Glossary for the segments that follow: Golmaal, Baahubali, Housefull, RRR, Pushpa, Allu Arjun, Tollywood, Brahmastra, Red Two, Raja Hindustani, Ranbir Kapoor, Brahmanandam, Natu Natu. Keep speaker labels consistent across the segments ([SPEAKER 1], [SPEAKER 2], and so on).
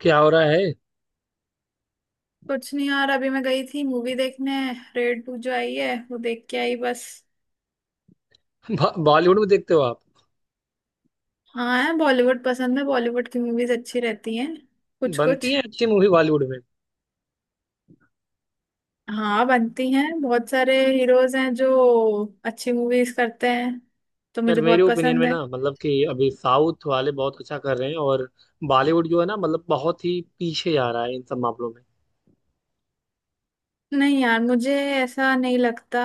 [SPEAKER 1] क्या हो रहा है।
[SPEAKER 2] कुछ नहीं यार अभी मैं गई थी मूवी देखने। रेड टू जो आई है वो देख के आई बस।
[SPEAKER 1] बॉलीवुड में देखते हो आप।
[SPEAKER 2] हाँ है बॉलीवुड पसंद है बॉलीवुड की मूवीज अच्छी रहती हैं। कुछ कुछ।
[SPEAKER 1] बनती है अच्छी मूवी बॉलीवुड में।
[SPEAKER 2] हाँ बनती हैं बहुत सारे हीरोज हैं जो अच्छी मूवीज करते हैं तो
[SPEAKER 1] यार
[SPEAKER 2] मुझे
[SPEAKER 1] मेरे
[SPEAKER 2] बहुत
[SPEAKER 1] ओपिनियन में
[SPEAKER 2] पसंद है।
[SPEAKER 1] ना मतलब कि अभी साउथ वाले बहुत अच्छा कर रहे हैं और बॉलीवुड जो है ना मतलब बहुत ही पीछे जा रहा है इन सब मामलों में।
[SPEAKER 2] नहीं यार मुझे ऐसा नहीं लगता।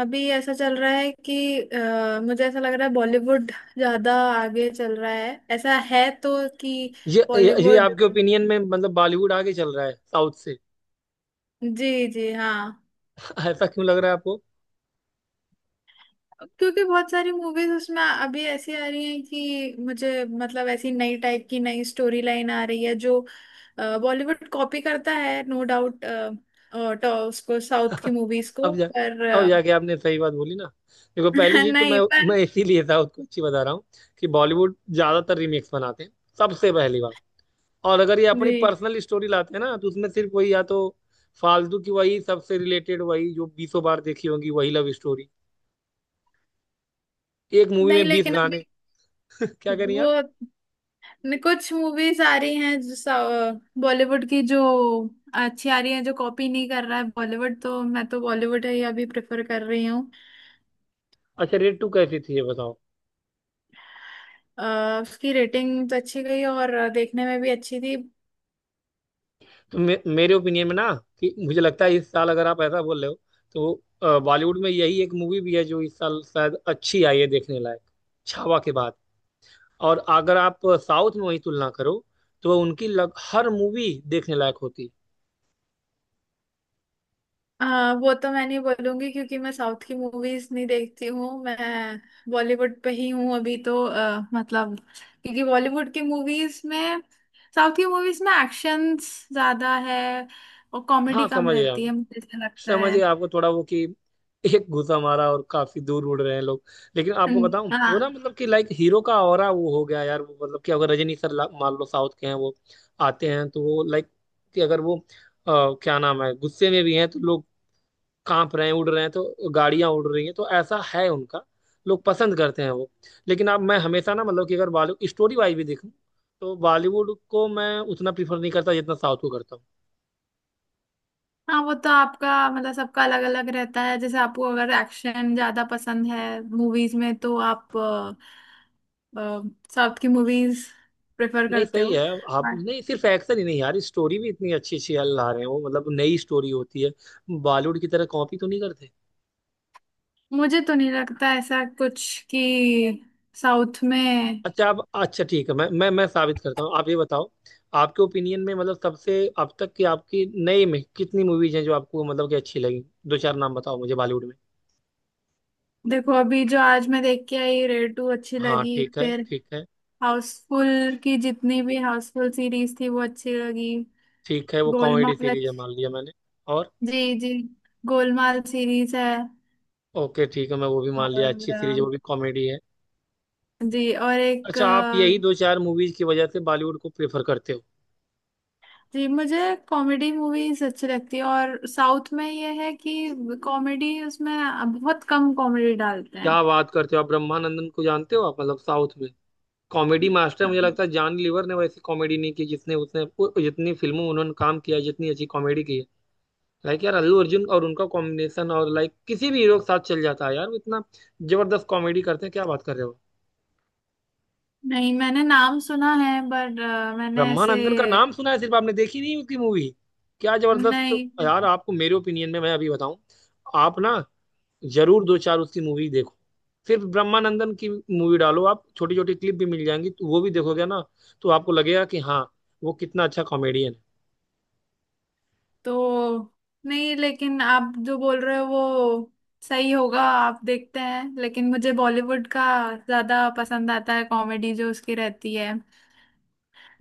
[SPEAKER 2] अभी ऐसा चल रहा है कि मुझे ऐसा लग रहा है बॉलीवुड ज्यादा आगे चल रहा है ऐसा है तो कि
[SPEAKER 1] ये
[SPEAKER 2] बॉलीवुड।
[SPEAKER 1] आपके ओपिनियन में मतलब बॉलीवुड आगे चल रहा है साउथ से?
[SPEAKER 2] जी जी हाँ।
[SPEAKER 1] ऐसा क्यों लग रहा है आपको?
[SPEAKER 2] क्योंकि बहुत सारी मूवीज उसमें अभी ऐसी आ रही हैं कि मुझे मतलब ऐसी नई टाइप की नई स्टोरी लाइन आ रही है जो बॉलीवुड कॉपी करता है नो डाउट। तो उसको साउथ की मूवीज को
[SPEAKER 1] अब जा।
[SPEAKER 2] पर
[SPEAKER 1] अब
[SPEAKER 2] अ,
[SPEAKER 1] जाके आपने सही बात बोली ना। देखो पहली चीज तो
[SPEAKER 2] नहीं
[SPEAKER 1] मैं।
[SPEAKER 2] पर।
[SPEAKER 1] मैं इसीलिए साउथ को अच्छी बता रहा हूँ कि बॉलीवुड ज्यादातर रीमेक्स बनाते हैं। सबसे पहली बात। और अगर ये अपनी
[SPEAKER 2] जी।
[SPEAKER 1] पर्सनल स्टोरी लाते हैं ना तो उसमें सिर्फ वही या तो फालतू की वही सबसे रिलेटेड वही जो बीसों बार देखी होंगी वही लव स्टोरी। एक मूवी
[SPEAKER 2] नहीं
[SPEAKER 1] में बीस
[SPEAKER 2] लेकिन
[SPEAKER 1] गाने
[SPEAKER 2] अभी
[SPEAKER 1] क्या करें
[SPEAKER 2] वो
[SPEAKER 1] आप।
[SPEAKER 2] कुछ मूवीज आ रही हैं जो बॉलीवुड की जो अच्छी आ रही हैं जो कॉपी नहीं कर रहा है बॉलीवुड तो मैं तो बॉलीवुड ही अभी प्रेफर कर रही हूँ।
[SPEAKER 1] अच्छा रेड 2 कैसी थी ये बताओ।
[SPEAKER 2] अ, उसकी रेटिंग तो अच्छी गई और देखने में भी अच्छी थी।
[SPEAKER 1] मेरे ओपिनियन में ना कि मुझे लगता है इस साल अगर आप ऐसा बोल रहे हो तो बॉलीवुड में यही एक मूवी भी है जो इस साल शायद अच्छी आई है देखने लायक छावा के बाद। और अगर आप साउथ में वही तुलना करो तो हर मूवी देखने लायक होती।
[SPEAKER 2] अ, वो तो मैं नहीं बोलूंगी क्योंकि मैं साउथ की मूवीज नहीं देखती हूँ मैं बॉलीवुड पे ही हूँ अभी तो मतलब। क्योंकि बॉलीवुड की मूवीज में साउथ की मूवीज में एक्शंस ज्यादा है और
[SPEAKER 1] हाँ
[SPEAKER 2] कॉमेडी कम
[SPEAKER 1] समझ गया।
[SPEAKER 2] रहती है मुझे ऐसा लगता
[SPEAKER 1] समझिए
[SPEAKER 2] है।
[SPEAKER 1] आपको थोड़ा वो कि एक घुसा मारा और काफी दूर उड़ रहे हैं लोग। लेकिन आपको बताऊं
[SPEAKER 2] हम्म।
[SPEAKER 1] वो ना
[SPEAKER 2] हाँ।
[SPEAKER 1] मतलब कि लाइक हीरो का ऑरा वो हो गया यार वो मतलब कि अगर रजनी सर मान लो साउथ के हैं वो आते हैं तो वो लाइक कि अगर वो अ, क्या नाम है गुस्से में भी हैं तो लोग कांप रहे हैं उड़ रहे हैं तो गाड़ियां उड़ रही हैं तो ऐसा है उनका। लोग पसंद करते हैं वो। लेकिन अब मैं हमेशा ना मतलब कि अगर बॉलीवुड स्टोरी वाइज भी देखूं तो बॉलीवुड को मैं उतना प्रीफर नहीं करता जितना साउथ को करता हूँ।
[SPEAKER 2] हाँ वो तो आपका मतलब सबका अलग अलग रहता है जैसे आपको अगर एक्शन ज्यादा पसंद है मूवीज में तो आप साउथ की मूवीज प्रेफर
[SPEAKER 1] नहीं
[SPEAKER 2] करते
[SPEAKER 1] सही
[SPEAKER 2] हो।
[SPEAKER 1] है। आप
[SPEAKER 2] But
[SPEAKER 1] नहीं सिर्फ एक्शन ही नहीं यार स्टोरी भी इतनी अच्छी अच्छी यार ला रहे हैं वो मतलब नई स्टोरी होती है बॉलीवुड की तरह कॉपी तो नहीं करते।
[SPEAKER 2] मुझे तो नहीं लगता ऐसा कुछ कि साउथ में।
[SPEAKER 1] अच्छा आप अच्छा ठीक है मैं साबित करता हूँ आप ये बताओ। आपके ओपिनियन में मतलब सबसे अब तक की आपकी नई में कितनी मूवीज हैं जो आपको मतलब कि अच्छी लगी। दो चार नाम बताओ मुझे बॉलीवुड में।
[SPEAKER 2] देखो अभी जो आज मैं देख के आई रेड टू अच्छी
[SPEAKER 1] हाँ
[SPEAKER 2] लगी
[SPEAKER 1] ठीक है
[SPEAKER 2] फिर।
[SPEAKER 1] ठीक है।
[SPEAKER 2] हाउसफुल की जितनी भी हाउसफुल सीरीज थी वो अच्छी लगी।
[SPEAKER 1] ठीक है वो कॉमेडी
[SPEAKER 2] गोलमाल
[SPEAKER 1] सीरीज है मान लिया मैंने। और
[SPEAKER 2] जी जी। गोलमाल सीरीज है।
[SPEAKER 1] ओके ठीक है मैं वो भी मान लिया अच्छी सीरीज है
[SPEAKER 2] और।
[SPEAKER 1] वो भी कॉमेडी है।
[SPEAKER 2] जी और एक
[SPEAKER 1] अच्छा आप यही दो चार मूवीज की वजह से बॉलीवुड को प्रेफर करते हो?
[SPEAKER 2] जी मुझे कॉमेडी मूवीज अच्छी लगती है और साउथ में ये है कि कॉमेडी उसमें बहुत कम कॉमेडी डालते हैं।
[SPEAKER 1] क्या बात करते हो आप ब्रह्मानंदन को जानते हो आप मतलब साउथ में कॉमेडी मास्टर। मुझे लगता है जॉन लीवर ने वैसी कॉमेडी नहीं की जिसने उसने जितनी फिल्मों में उन्होंने काम किया है, जितनी अच्छी कॉमेडी की है। लाइक यार अल्लू अर्जुन और उनका कॉम्बिनेशन और लाइक किसी भी हीरो के साथ चल जाता है यार वो इतना जबरदस्त कॉमेडी करते हैं। क्या बात कर रहे हो?
[SPEAKER 2] नहीं मैंने नाम सुना है बट मैंने ऐसे।
[SPEAKER 1] ब्रह्मानंदन का नाम सुना है सिर्फ आपने देखी नहीं उसकी मूवी। क्या जबरदस्त।
[SPEAKER 2] नहीं।
[SPEAKER 1] यार आपको मेरे ओपिनियन में मैं अभी बताऊं आप ना जरूर दो चार उसकी मूवी देखो। सिर्फ ब्रह्मानंदन की मूवी डालो आप छोटी छोटी क्लिप भी मिल जाएंगी तो वो भी देखोगे ना तो आपको लगेगा कि हाँ वो कितना अच्छा कॉमेडियन
[SPEAKER 2] तो नहीं लेकिन आप जो बोल रहे हो वो सही होगा आप देखते हैं लेकिन मुझे बॉलीवुड का ज्यादा पसंद आता है कॉमेडी जो उसकी रहती है।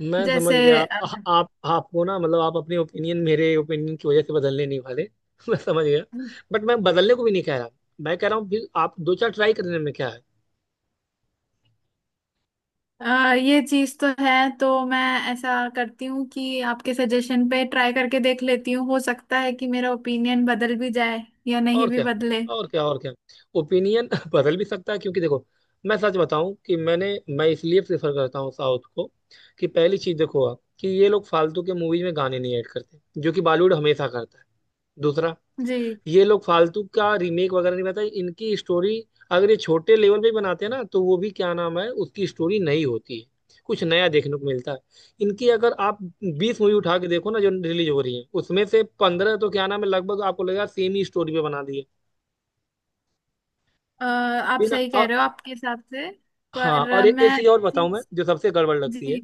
[SPEAKER 1] है। मैं समझ
[SPEAKER 2] जैसे।
[SPEAKER 1] गया। आप आपको ना मतलब आप अपने ओपिनियन मेरे ओपिनियन की वजह से बदलने नहीं वाले। मैं समझ गया। बट मैं बदलने को भी नहीं कह रहा। मैं कह रहा हूँ फिर आप दो चार ट्राई करने में क्या है।
[SPEAKER 2] ये चीज तो है। तो मैं ऐसा करती हूँ कि आपके सजेशन पे ट्राई करके देख लेती हूँ हो सकता है कि मेरा ओपिनियन बदल भी जाए या नहीं
[SPEAKER 1] और
[SPEAKER 2] भी
[SPEAKER 1] क्या
[SPEAKER 2] बदले।
[SPEAKER 1] और क्या और क्या। ओपिनियन बदल भी सकता है क्योंकि देखो मैं सच बताऊं कि मैं इसलिए प्रेफर करता हूँ साउथ को कि पहली चीज देखो आप कि ये लोग फालतू के मूवीज में गाने नहीं ऐड करते जो कि बॉलीवुड हमेशा करता है। दूसरा,
[SPEAKER 2] जी।
[SPEAKER 1] ये लोग फालतू का रीमेक वगैरह नहीं बनाता। इनकी स्टोरी अगर ये छोटे लेवल पे बनाते हैं ना तो वो भी क्या नाम है उसकी स्टोरी नई होती है। कुछ नया देखने को मिलता है। इनकी अगर आप 20 मूवी उठा के देखो ना जो रिलीज हो रही है उसमें से 15 तो क्या नाम है लगभग आपको लगेगा सेम ही स्टोरी पे बना दी है
[SPEAKER 2] आप
[SPEAKER 1] बिना।
[SPEAKER 2] सही कह
[SPEAKER 1] और
[SPEAKER 2] रहे हो आपके हिसाब से।
[SPEAKER 1] हाँ
[SPEAKER 2] पर
[SPEAKER 1] और
[SPEAKER 2] आ,
[SPEAKER 1] एक
[SPEAKER 2] मैं
[SPEAKER 1] चीज
[SPEAKER 2] एक
[SPEAKER 1] और बताऊं मैं
[SPEAKER 2] चीज।
[SPEAKER 1] जो सबसे गड़बड़ लगती है।
[SPEAKER 2] जी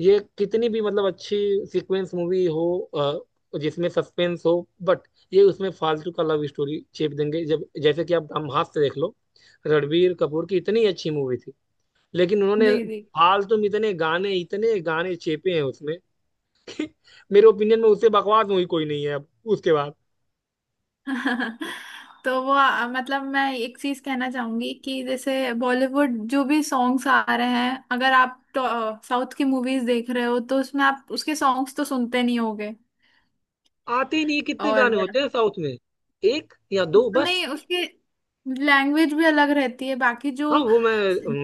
[SPEAKER 1] ये कितनी भी मतलब अच्छी सीक्वेंस मूवी हो जिसमें सस्पेंस हो बट ये उसमें फालतू का लव स्टोरी चेप देंगे जब जैसे कि आप ब्रह्मास्त्र देख लो। रणबीर कपूर की इतनी अच्छी मूवी थी लेकिन उन्होंने
[SPEAKER 2] जी। जी।
[SPEAKER 1] फालतू में इतने गाने चेपे हैं उसमें। मेरे ओपिनियन में उससे बकवास मूवी कोई नहीं है अब उसके बाद।
[SPEAKER 2] तो वो मतलब मैं एक चीज कहना चाहूंगी कि जैसे बॉलीवुड जो भी सॉन्ग्स आ रहे हैं अगर आप साउथ की मूवीज देख रहे हो तो उसमें आप उसके सॉन्ग्स तो सुनते नहीं होगे।
[SPEAKER 1] आते ही नहीं कितने
[SPEAKER 2] और।
[SPEAKER 1] गाने होते हैं साउथ में एक या दो
[SPEAKER 2] तो
[SPEAKER 1] बस।
[SPEAKER 2] नहीं उसकी लैंग्वेज भी अलग रहती है बाकी जो
[SPEAKER 1] हाँ वो मैं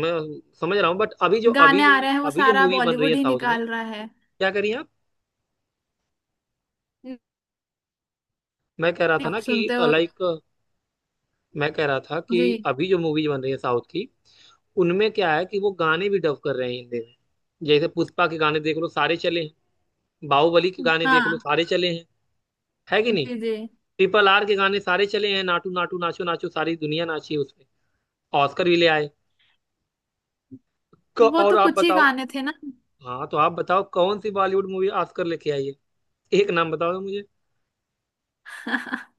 [SPEAKER 1] मैं समझ रहा हूँ बट अभी जो अभी
[SPEAKER 2] गाने
[SPEAKER 1] जो
[SPEAKER 2] आ रहे हैं वो
[SPEAKER 1] अभी जो
[SPEAKER 2] सारा
[SPEAKER 1] मूवी बन रही है
[SPEAKER 2] बॉलीवुड ही
[SPEAKER 1] साउथ में।
[SPEAKER 2] निकाल रहा है।
[SPEAKER 1] क्या करिए आप। मैं कह रहा था ना
[SPEAKER 2] आप
[SPEAKER 1] कि
[SPEAKER 2] सुनते हो।
[SPEAKER 1] लाइक मैं कह रहा था कि
[SPEAKER 2] जी।
[SPEAKER 1] अभी जो मूवी बन रही है साउथ की उनमें क्या है कि वो गाने भी डब कर रहे हैं हिंदी में। जैसे पुष्पा के गाने देख लो सारे चले हैं। बाहुबली के गाने देख लो
[SPEAKER 2] हाँ।
[SPEAKER 1] सारे चले हैं है कि नहीं।
[SPEAKER 2] जी जी।
[SPEAKER 1] RRR के गाने सारे चले हैं नाटू नाटू नाचो नाचो सारी दुनिया नाची है उसमें। ऑस्कर भी ले आए।
[SPEAKER 2] वो
[SPEAKER 1] और
[SPEAKER 2] तो
[SPEAKER 1] आप
[SPEAKER 2] कुछ ही
[SPEAKER 1] बताओ।
[SPEAKER 2] गाने थे ना।
[SPEAKER 1] हाँ तो आप बताओ कौन सी बॉलीवुड मूवी ऑस्कर लेके आई है? एक नाम बताओ मुझे।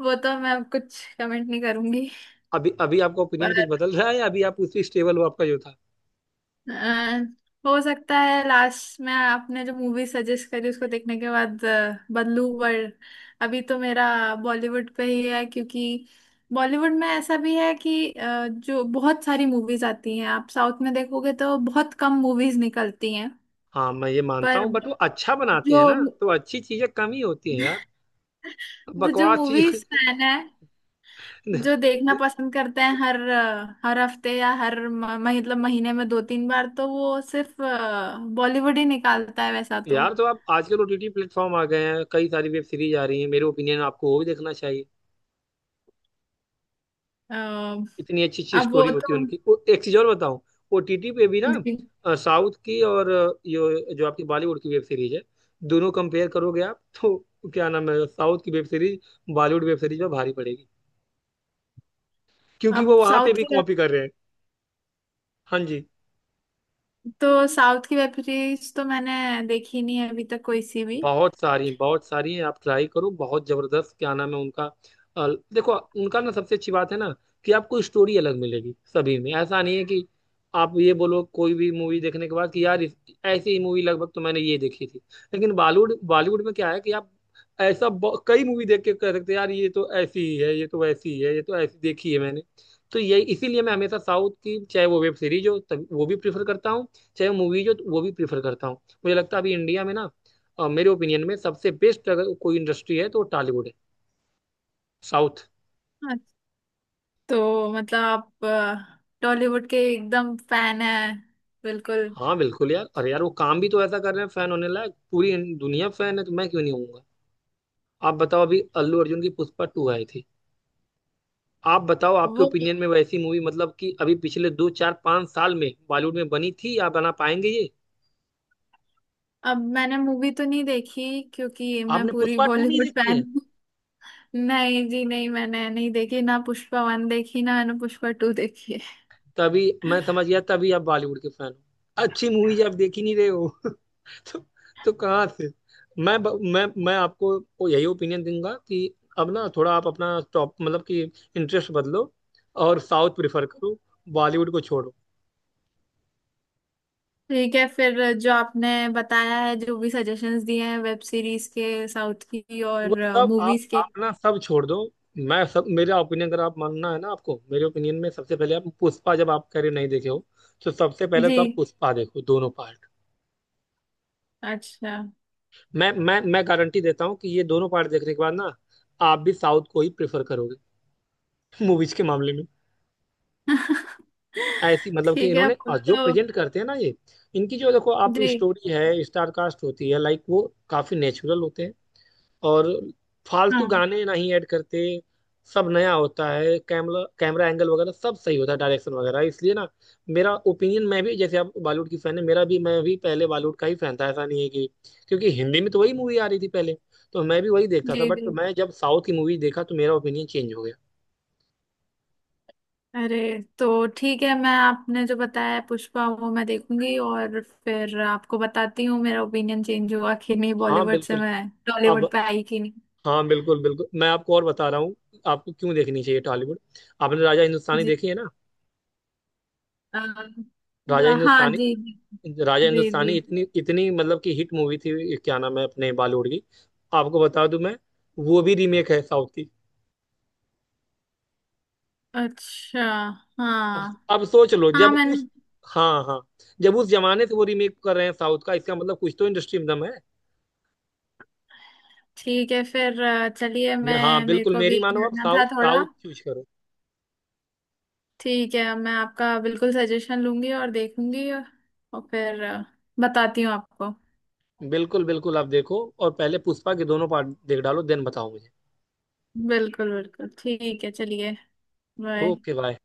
[SPEAKER 2] वो तो मैं कुछ कमेंट नहीं करूंगी।
[SPEAKER 1] अभी अभी आपका ओपिनियन
[SPEAKER 2] पर
[SPEAKER 1] कुछ बदल रहा है या अभी आप उसी स्टेबल हो आपका जो था?
[SPEAKER 2] अ, हो सकता है लास्ट में आपने जो मूवी सजेस्ट करी उसको देखने के बाद बदलू वर्ल्ड। अभी तो मेरा बॉलीवुड पे ही है क्योंकि बॉलीवुड में ऐसा भी है कि जो बहुत सारी मूवीज आती हैं आप साउथ में देखोगे तो बहुत कम मूवीज निकलती हैं।
[SPEAKER 1] हाँ मैं ये मानता
[SPEAKER 2] पर
[SPEAKER 1] हूँ बट वो अच्छा बनाते
[SPEAKER 2] जो
[SPEAKER 1] हैं ना तो अच्छी चीजें कम ही होती हैं यार।
[SPEAKER 2] जो
[SPEAKER 1] बकवास चीजें।
[SPEAKER 2] मूवीज फैन है जो देखना पसंद करते हैं हर हर हफ्ते या हर मतलब महीने में दो तीन बार तो वो सिर्फ बॉलीवुड ही निकालता है वैसा।
[SPEAKER 1] यार तो आप आजकल OTT प्लेटफॉर्म आ गए हैं कई सारी वेब सीरीज आ रही हैं मेरे ओपिनियन आपको वो भी देखना चाहिए।
[SPEAKER 2] तो
[SPEAKER 1] इतनी अच्छी अच्छी
[SPEAKER 2] अब वो
[SPEAKER 1] स्टोरी होती है
[SPEAKER 2] तो।
[SPEAKER 1] उनकी वो एक चीज और बताऊं। OTT पे भी ना
[SPEAKER 2] जी।
[SPEAKER 1] साउथ की और यो जो आपकी बॉलीवुड की वेब सीरीज है दोनों कंपेयर करोगे आप तो क्या नाम है साउथ की web series Bollywood web series में भारी पड़ेगी क्योंकि वो
[SPEAKER 2] अब
[SPEAKER 1] वहां पे
[SPEAKER 2] साउथ
[SPEAKER 1] भी
[SPEAKER 2] की
[SPEAKER 1] कॉपी कर रहे हैं। हाँ जी।
[SPEAKER 2] तो साउथ की वेब सीरीज तो मैंने देखी नहीं है अभी तक कोई सी भी।
[SPEAKER 1] बहुत सारी हैं आप ट्राई करो बहुत जबरदस्त क्या नाम है उनका। अ, देखो उनका ना सबसे अच्छी बात है ना कि आपको स्टोरी अलग मिलेगी सभी में ऐसा नहीं है कि आप ये बोलो कोई भी मूवी देखने के बाद कि यार ऐसी ही मूवी लगभग तो मैंने ये देखी थी। लेकिन बॉलीवुड बॉलीवुड में क्या है कि आप ऐसा कई मूवी देख के कह सकते हैं यार ये तो ऐसी ही है ये तो वैसी ही है ये तो ऐसी देखी है मैंने। तो यही इसीलिए मैं हमेशा साउथ की चाहे वो वेब सीरीज हो तब वो भी प्रीफर करता हूँ चाहे मूवीज हो तो वो भी प्रीफर करता हूँ। मुझे लगता है अभी इंडिया में ना मेरे ओपिनियन में सबसे बेस्ट अगर कोई इंडस्ट्री है तो टॉलीवुड है साउथ।
[SPEAKER 2] हाँ, तो मतलब आप टॉलीवुड के एकदम फैन है। बिल्कुल।
[SPEAKER 1] हाँ बिल्कुल यार अरे यार वो काम भी तो ऐसा कर रहे हैं फैन होने लायक पूरी दुनिया फैन है तो मैं क्यों नहीं होऊंगा। आप बताओ अभी अल्लू अर्जुन की पुष्पा 2 आई थी। आप बताओ आपके
[SPEAKER 2] वो
[SPEAKER 1] ओपिनियन में वैसी मूवी मतलब कि अभी पिछले दो चार पांच साल में बॉलीवुड में बनी थी या बना पाएंगे ये।
[SPEAKER 2] अब मैंने मूवी तो नहीं देखी क्योंकि मैं
[SPEAKER 1] आपने
[SPEAKER 2] पूरी
[SPEAKER 1] पुष्पा 2 नहीं
[SPEAKER 2] बॉलीवुड
[SPEAKER 1] देखी
[SPEAKER 2] फैन
[SPEAKER 1] है?
[SPEAKER 2] हूँ। नहीं जी नहीं मैंने नहीं देखी ना पुष्पा वन देखी ना मैंने पुष्पा टू देखी है।
[SPEAKER 1] तभी मैं समझ गया तभी आप बॉलीवुड के फैन हो। अच्छी मूवी आप देख ही नहीं रहे हो। तो, तो कहाँ से। मैं ब- मैं आपको वो यही ओपिनियन दूंगा कि अब ना थोड़ा आप अपना टॉप मतलब कि इंटरेस्ट बदलो और साउथ प्रिफर करो बॉलीवुड को छोड़ो।
[SPEAKER 2] ठीक है फिर जो आपने बताया है जो भी सजेशंस दिए हैं वेब सीरीज के साउथ की
[SPEAKER 1] वो
[SPEAKER 2] और
[SPEAKER 1] सब
[SPEAKER 2] मूवीज के।
[SPEAKER 1] आप ना सब छोड़ दो। मैं सब मेरा ओपिनियन अगर आप मानना है ना आपको मेरे ओपिनियन में सबसे पहले आप पुष्पा जब आप कह रहे हो नहीं देखे हो तो सबसे पहले तो आप
[SPEAKER 2] जी।
[SPEAKER 1] पुष्पा देखो दोनों पार्ट।
[SPEAKER 2] अच्छा।
[SPEAKER 1] मैं गारंटी देता हूँ कि ये दोनों पार्ट देखने के बाद ना आप भी साउथ को ही प्रेफर करोगे। मूवीज के मामले में। ऐसी मतलब कि
[SPEAKER 2] ठीक है
[SPEAKER 1] इन्होंने
[SPEAKER 2] आपको
[SPEAKER 1] और जो
[SPEAKER 2] तो।
[SPEAKER 1] प्रेजेंट करते हैं ना ये इनकी जो देखो आप
[SPEAKER 2] जी।
[SPEAKER 1] स्टोरी है स्टार कास्ट होती है लाइक वो काफी नेचुरल होते हैं और फालतू
[SPEAKER 2] हाँ
[SPEAKER 1] गाने नहीं ऐड करते। सब नया होता है कैमरा कैमरा एंगल वगैरह सब सही होता है डायरेक्शन वगैरह इसलिए ना मेरा ओपिनियन मैं भी जैसे आप बॉलीवुड की फैन है मेरा भी मैं भी पहले बॉलीवुड का ही फैन था ऐसा नहीं है कि क्योंकि हिंदी में तो वही मूवी आ रही थी पहले तो मैं भी वही देखता था
[SPEAKER 2] जी जी।
[SPEAKER 1] बट मैं जब साउथ की मूवी देखा तो मेरा ओपिनियन चेंज हो गया।
[SPEAKER 2] अरे। तो ठीक है मैं आपने जो बताया पुष्पा वो मैं देखूंगी और फिर आपको बताती हूँ मेरा ओपिनियन चेंज हुआ कि नहीं
[SPEAKER 1] हाँ
[SPEAKER 2] बॉलीवुड से
[SPEAKER 1] बिल्कुल।
[SPEAKER 2] मैं
[SPEAKER 1] अब
[SPEAKER 2] टॉलीवुड पे आई कि नहीं।
[SPEAKER 1] हाँ बिल्कुल बिल्कुल मैं आपको और बता रहा हूँ आपको क्यों देखनी चाहिए टॉलीवुड। आपने राजा हिंदुस्तानी
[SPEAKER 2] जी
[SPEAKER 1] देखी है ना।
[SPEAKER 2] आ,
[SPEAKER 1] राजा
[SPEAKER 2] हाँ
[SPEAKER 1] हिंदुस्तानी।
[SPEAKER 2] जी जी।
[SPEAKER 1] राजा
[SPEAKER 2] जी
[SPEAKER 1] हिंदुस्तानी
[SPEAKER 2] जी।
[SPEAKER 1] इतनी इतनी मतलब कि हिट मूवी थी क्या नाम है अपने बॉलीवुड की आपको बता दूं मैं वो भी रीमेक है साउथ की।
[SPEAKER 2] अच्छा।
[SPEAKER 1] अब
[SPEAKER 2] हाँ।
[SPEAKER 1] अब सोच लो
[SPEAKER 2] हाँ
[SPEAKER 1] जब
[SPEAKER 2] मैंने।
[SPEAKER 1] उस हाँ हाँ जब उस जमाने से वो रीमेक कर रहे हैं साउथ का इसका मतलब कुछ तो इंडस्ट्री में दम है।
[SPEAKER 2] ठीक है फिर चलिए
[SPEAKER 1] हाँ
[SPEAKER 2] मैं मेरे
[SPEAKER 1] बिल्कुल
[SPEAKER 2] को भी
[SPEAKER 1] मेरी मानो आप
[SPEAKER 2] जाना
[SPEAKER 1] साउथ
[SPEAKER 2] था थोड़ा।
[SPEAKER 1] साउथ चूज करो।
[SPEAKER 2] ठीक है मैं आपका बिल्कुल सजेशन लूंगी और देखूंगी। और फिर बताती हूँ आपको।
[SPEAKER 1] बिल्कुल बिल्कुल आप देखो और पहले पुष्पा के दोनों पार्ट देख डालो देन बताओ मुझे।
[SPEAKER 2] बिल्कुल बिल्कुल ठीक है चलिए। बाय।
[SPEAKER 1] Okay bye.